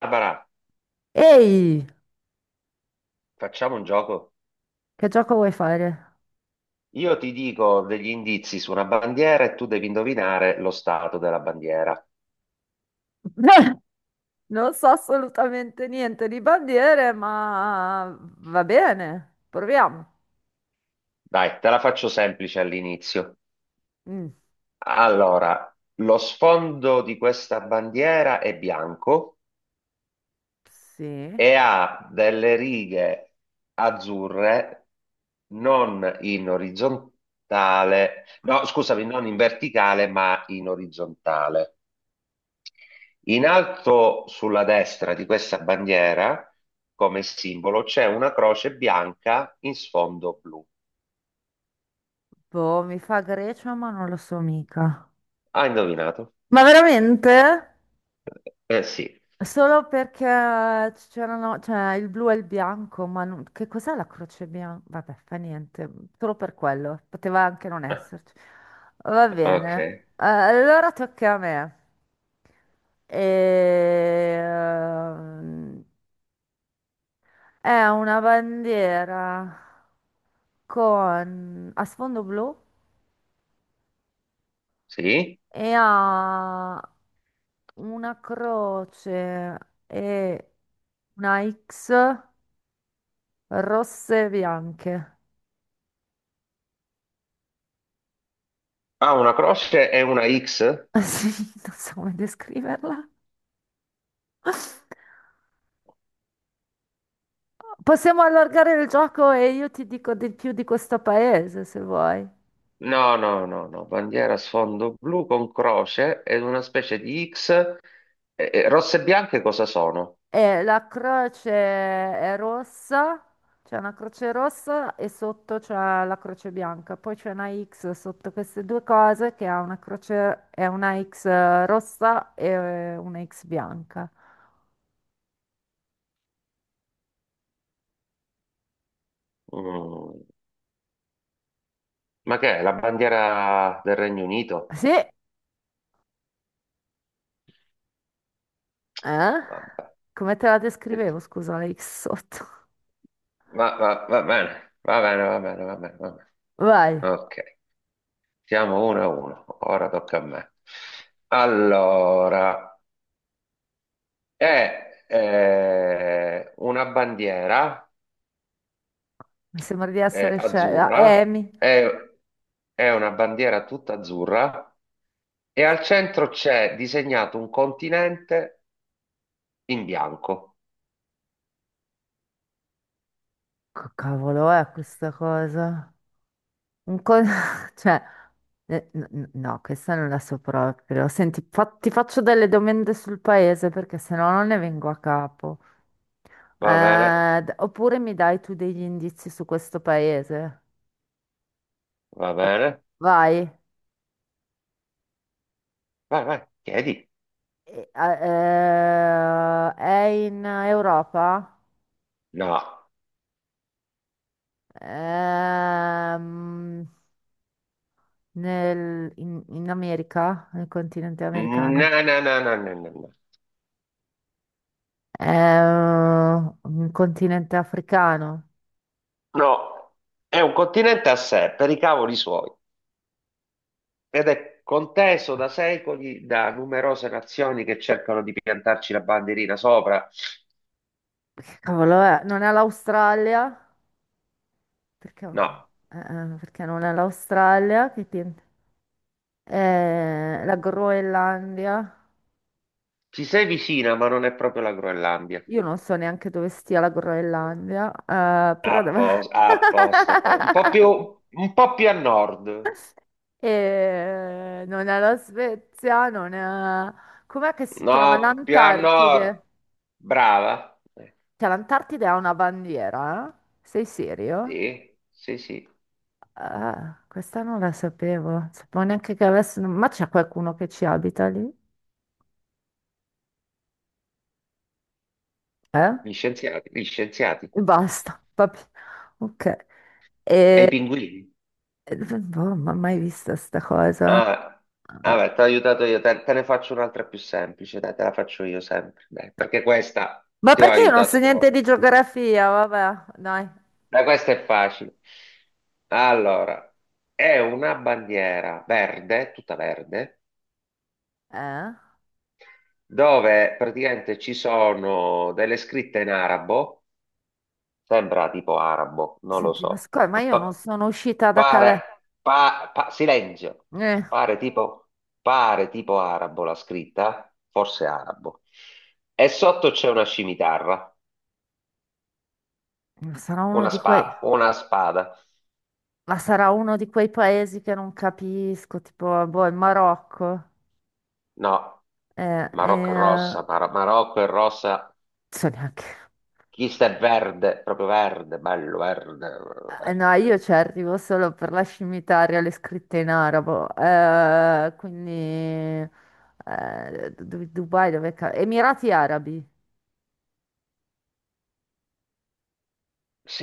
Barbara, Ehi, facciamo un gioco. che gioco vuoi fare? Io ti dico degli indizi su una bandiera e tu devi indovinare lo stato della bandiera. Non so assolutamente niente di bandiere, ma va bene, proviamo. Dai, te la faccio semplice all'inizio. Mm, Allora, lo sfondo di questa bandiera è bianco sì. e ha delle righe azzurre non in orizzontale, no, scusami, non in verticale, ma in orizzontale. In alto sulla destra di questa bandiera, come simbolo, c'è una croce bianca in sfondo blu. Boh, mi fa Grecia, ma non lo so mica. Hai indovinato? Ma veramente? Eh sì. Solo perché c'erano, cioè il blu e il bianco, ma che cos'è la croce bianca? Vabbè, fa niente, solo per quello, poteva anche non esserci. Va Ah, bene. ok. Allora tocca a me. Ehm, È una bandiera con... a sfondo blu Sì. e ha una croce e una X. Rosse e bianche. Ha una croce e una X? Sì, non so come descriverla. Possiamo allargare il gioco e io ti dico di più di questo paese, se vuoi. No, no, no, no. Bandiera a sfondo blu con croce ed una specie di X. E rosse e bianche cosa sono? E la croce è rossa, c'è una croce rossa e sotto c'è la croce bianca. Poi c'è una X sotto queste due cose che ha una croce, è una X rossa e una X bianca. Mm, ma che è? La bandiera del Regno Unito? Sì, eh? Vabbè. Come te la descrivevo, scusa, la X sotto. Va bene, va bene, va bene, va bene, va bene. Vai. Ok, siamo uno a uno, ora tocca a me. Allora, è una bandiera Mi sembra di essere scelta. azzurra, Amy, è, è una bandiera tutta azzurra e al centro c'è disegnato un continente in bianco. che cavolo è questa cosa? Un co- cioè, no, questa non la so proprio. Senti, ti faccio delle domande sul paese perché sennò non ne vengo a capo. Va bene, Oppure mi dai tu degli indizi su questo paese? va bene, Vai. vai, vai, chiedi. È in Europa? No, Ehm, in America? Nel continente no, americano? no, no, no, no, no, no, È un continente africano. no, è un continente a sé, per i cavoli suoi. Ed è conteso da secoli da numerose nazioni che cercano di piantarci la bandierina sopra. Che cavolo è? Non è l'Australia? Perché, No, eh, perché non è l'Australia? La eh, Groenlandia? ci sei vicina, ma non è proprio la Groenlandia. Io non so neanche dove stia la Groenlandia, A posto, a posto, a posto. Un po' più a nord. Non è la Svezia, non è... Com'è che si chiama? No, più a L'Antartide. nord. Brava. Cioè, l'Antartide ha una bandiera? Eh? Sei serio? Sì, sì, sì. Ah, questa non la sapevo, non sapevo neanche che avessero, ma c'è qualcuno che ci abita lì? Eh? Gli scienziati, gli scienziati. E basta, va bene. Ok. E E... i pinguini. Boh, ma mai vista sta cosa? Ah, Ah, vabbè, ti ho aiutato io, te, te ne faccio un'altra più semplice, dai, te la faccio io sempre, dai, perché questa ma ti ho perché io non so aiutato niente di troppo. geografia? Vabbè, dai. Dai, questa è facile. Allora, è una bandiera verde, tutta verde, Eh? dove praticamente ci sono delle scritte in arabo. Sembra tipo arabo, non lo Senti, ma so. scusa, ma io non sono uscita da Calais. Silenzio. Eh, Pare tipo, pare tipo arabo la scritta, forse arabo. E sotto c'è una scimitarra, ma sarà uno di quei... una spada. Ma sarà uno di quei paesi che non capisco, tipo, boh, il Marocco. No, Marocco è Non rossa, Marocco è rossa. so neanche. Chi sta è verde, proprio verde, bello verde. Verde. No, io ci arrivo solo per la scimmitaria, le scritte in arabo. Quindi Dubai, Emirati Arabi.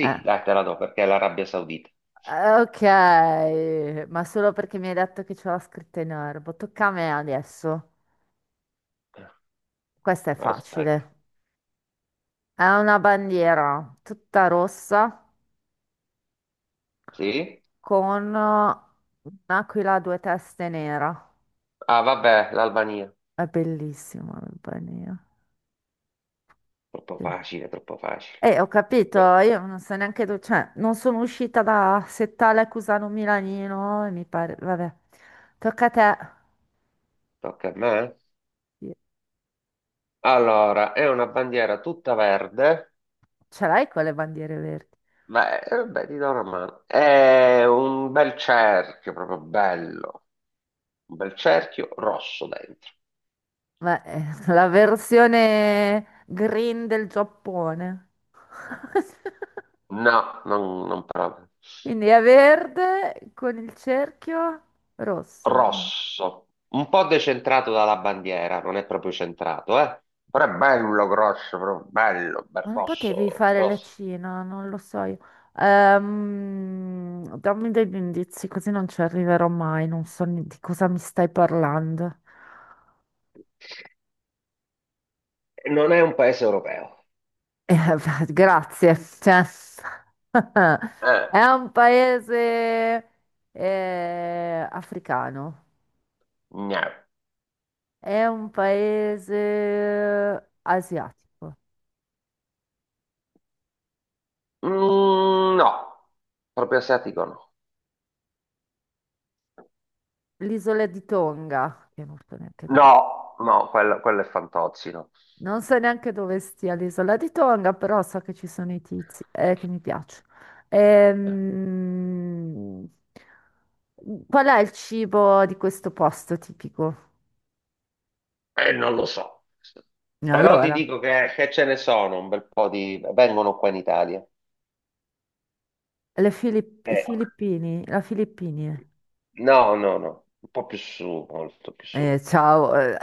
Eh, dai, te la do perché è l'Arabia Saudita. Ok, ma solo perché mi hai detto che c'è la scritta in arabo. Tocca a me adesso. Questa è Aspetta, facile. È una bandiera tutta rossa sì? con un'aquila a due teste nera. Ah, vabbè, l'Albania. È bellissima la bandiera. Troppo Sì. facile, troppo facile. Ho capito, No, io non so neanche dove, cioè, non sono uscita da Settale a Cusano Milanino e mi pare, vabbè, tocca a te. tocca a me. Io- Allora, è una bandiera tutta verde. Ce l'hai con le bandiere verdi? Beh, vabbè, ti do una mano. È un bel cerchio, proprio bello. Un bel cerchio rosso dentro. Ma la versione green del Giappone. No, non proprio. Quindi è verde con il cerchio rosso. Rosso. Un po' decentrato dalla bandiera, non è proprio centrato, eh. Ma Però è che bello grosso, proprio bello, bel Ma non potevi rosso, fare rosso. l'accino, non lo so io. Dammi degli indizi, così non ci arriverò mai, non so ne- di cosa mi stai parlando. Non è un paese europeo. Eh, beh, grazie. Cioè, Eh, è un paese africano, no. è un paese asiatico. Mm, no, proprio asiatico no. L'isola di Tonga, che non so neanche dove No, no, quello è Fantozzi, no. Non so neanche dove stia l'isola di Tonga, però so che ci sono i tizi, che mi piace. Ehm, Qual è il cibo di questo posto tipico? Non lo so. Però ti Allora, dico che ce ne sono un bel po' di... Vengono qua in Italia. I Eh, filippini, la Filippini. no, no, no. Un po' più su, molto più su. Ciao, eh,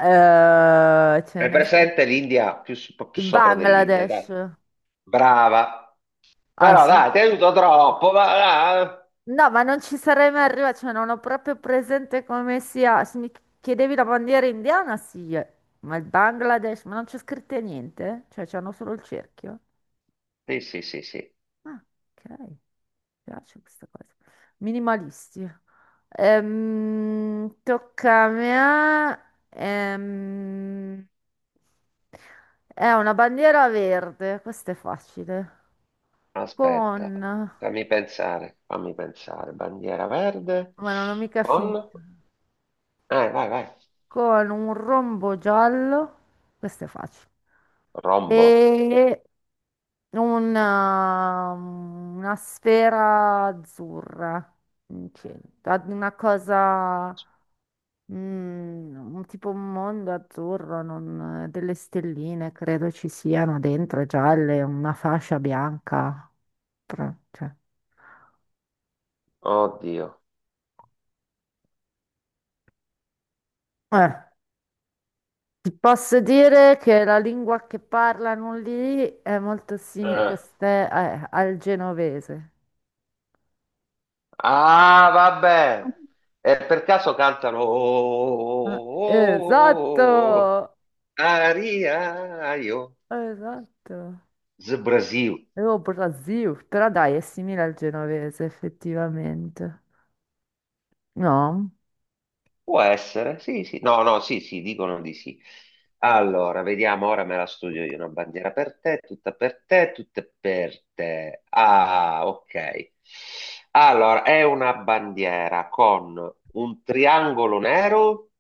eh, È presente l'India, un po' più il sopra dell'India, Bangladesh. dai. Brava. Ah Però sì? dai, ti aiuto troppo, ma... ah. No, ma non ci sarei mai arrivata, cioè non ho proprio presente come sia. Se mi chiedevi la bandiera indiana, sì, eh. Ma il Bangladesh, ma non c'è scritto niente? Cioè c'hanno solo il cerchio? Sì, sì, sì, sì. Ah, ok, mi piace questa cosa. Minimalisti. Tocca a me. Ehm, è una bandiera verde, questa è facile. Aspetta, Con... fammi pensare, fammi pensare. Bandiera verde Ma non ho mica con... finito. Vai, vai. Con un rombo giallo, questo è facile, Rombo. e una sfera azzurra in centro, ad una cosa, mm, un tipo un mondo azzurro, delle stelline credo ci siano dentro, gialle, una fascia bianca, però, Oddio. eh. Ti posso dire che la lingua che parlano lì è molto simile, Eh. Al genovese. Ah, vabbè. E per caso cantano... "Oh, Ah, oh, oh, oh, oh, oh, oh, esatto, aria, io, esatto. Brasil". E oh, Brasil, però dai, è simile al genovese, effettivamente. No? Può essere, sì, sì, no, no, sì, sì, dicono di sì. Allora, vediamo, ora me la studio io, una bandiera per te, tutta per te, tutte per te. Ah, ok. Allora, è una bandiera con un triangolo nero,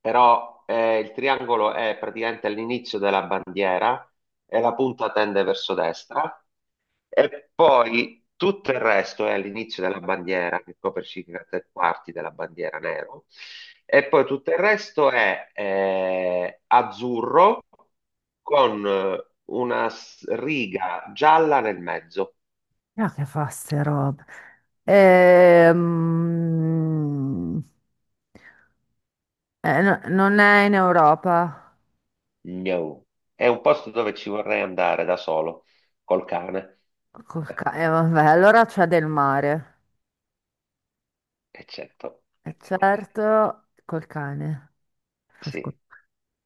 però il triangolo è praticamente all'inizio della bandiera e la punta tende verso destra e poi tutto il resto è all'inizio della bandiera, che copre circa tre quarti della bandiera nero, e poi tutto il resto è azzurro con una riga gialla nel mezzo. Ah, che fa ste robe? Ehm, non è in Europa. No. È un posto dove ci vorrei andare da solo, col cane. Eh, Vabbè, allora c'è del mare. eccetto. E certo, col cane. Fa scu- Sì.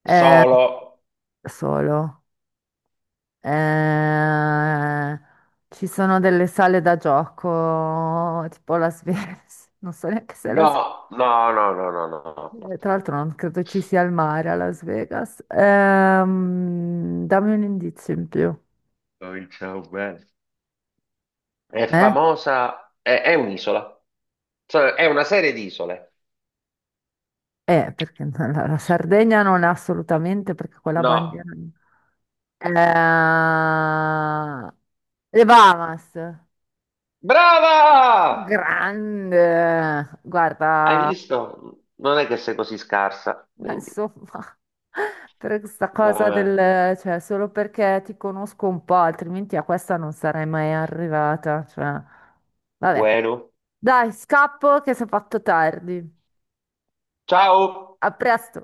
Eh, Solo. solo. Eh, ci sono delle sale da gioco, tipo la Vegas. Non so neanche se la No, no, no, no, no, no, no. Tra l'altro non credo ci sia il mare a Las Vegas. Dammi un indizio in più. Cominciamo bene. È Eh? famosa, è un'isola, cioè è una serie di isole. Perché no, la Sardegna non è assolutamente perché quella No, bandiera... lì. Eh, le Bahamas. brava! Grande, Hai guarda, visto? Non è che sei così scarsa, quindi insomma, per questa cosa vabbè, del, cioè, solo perché ti conosco un po', altrimenti a questa non sarei mai arrivata, cioè, vabbè. bueno. Dai, scappo che si è fatto tardi. Ciao! A presto.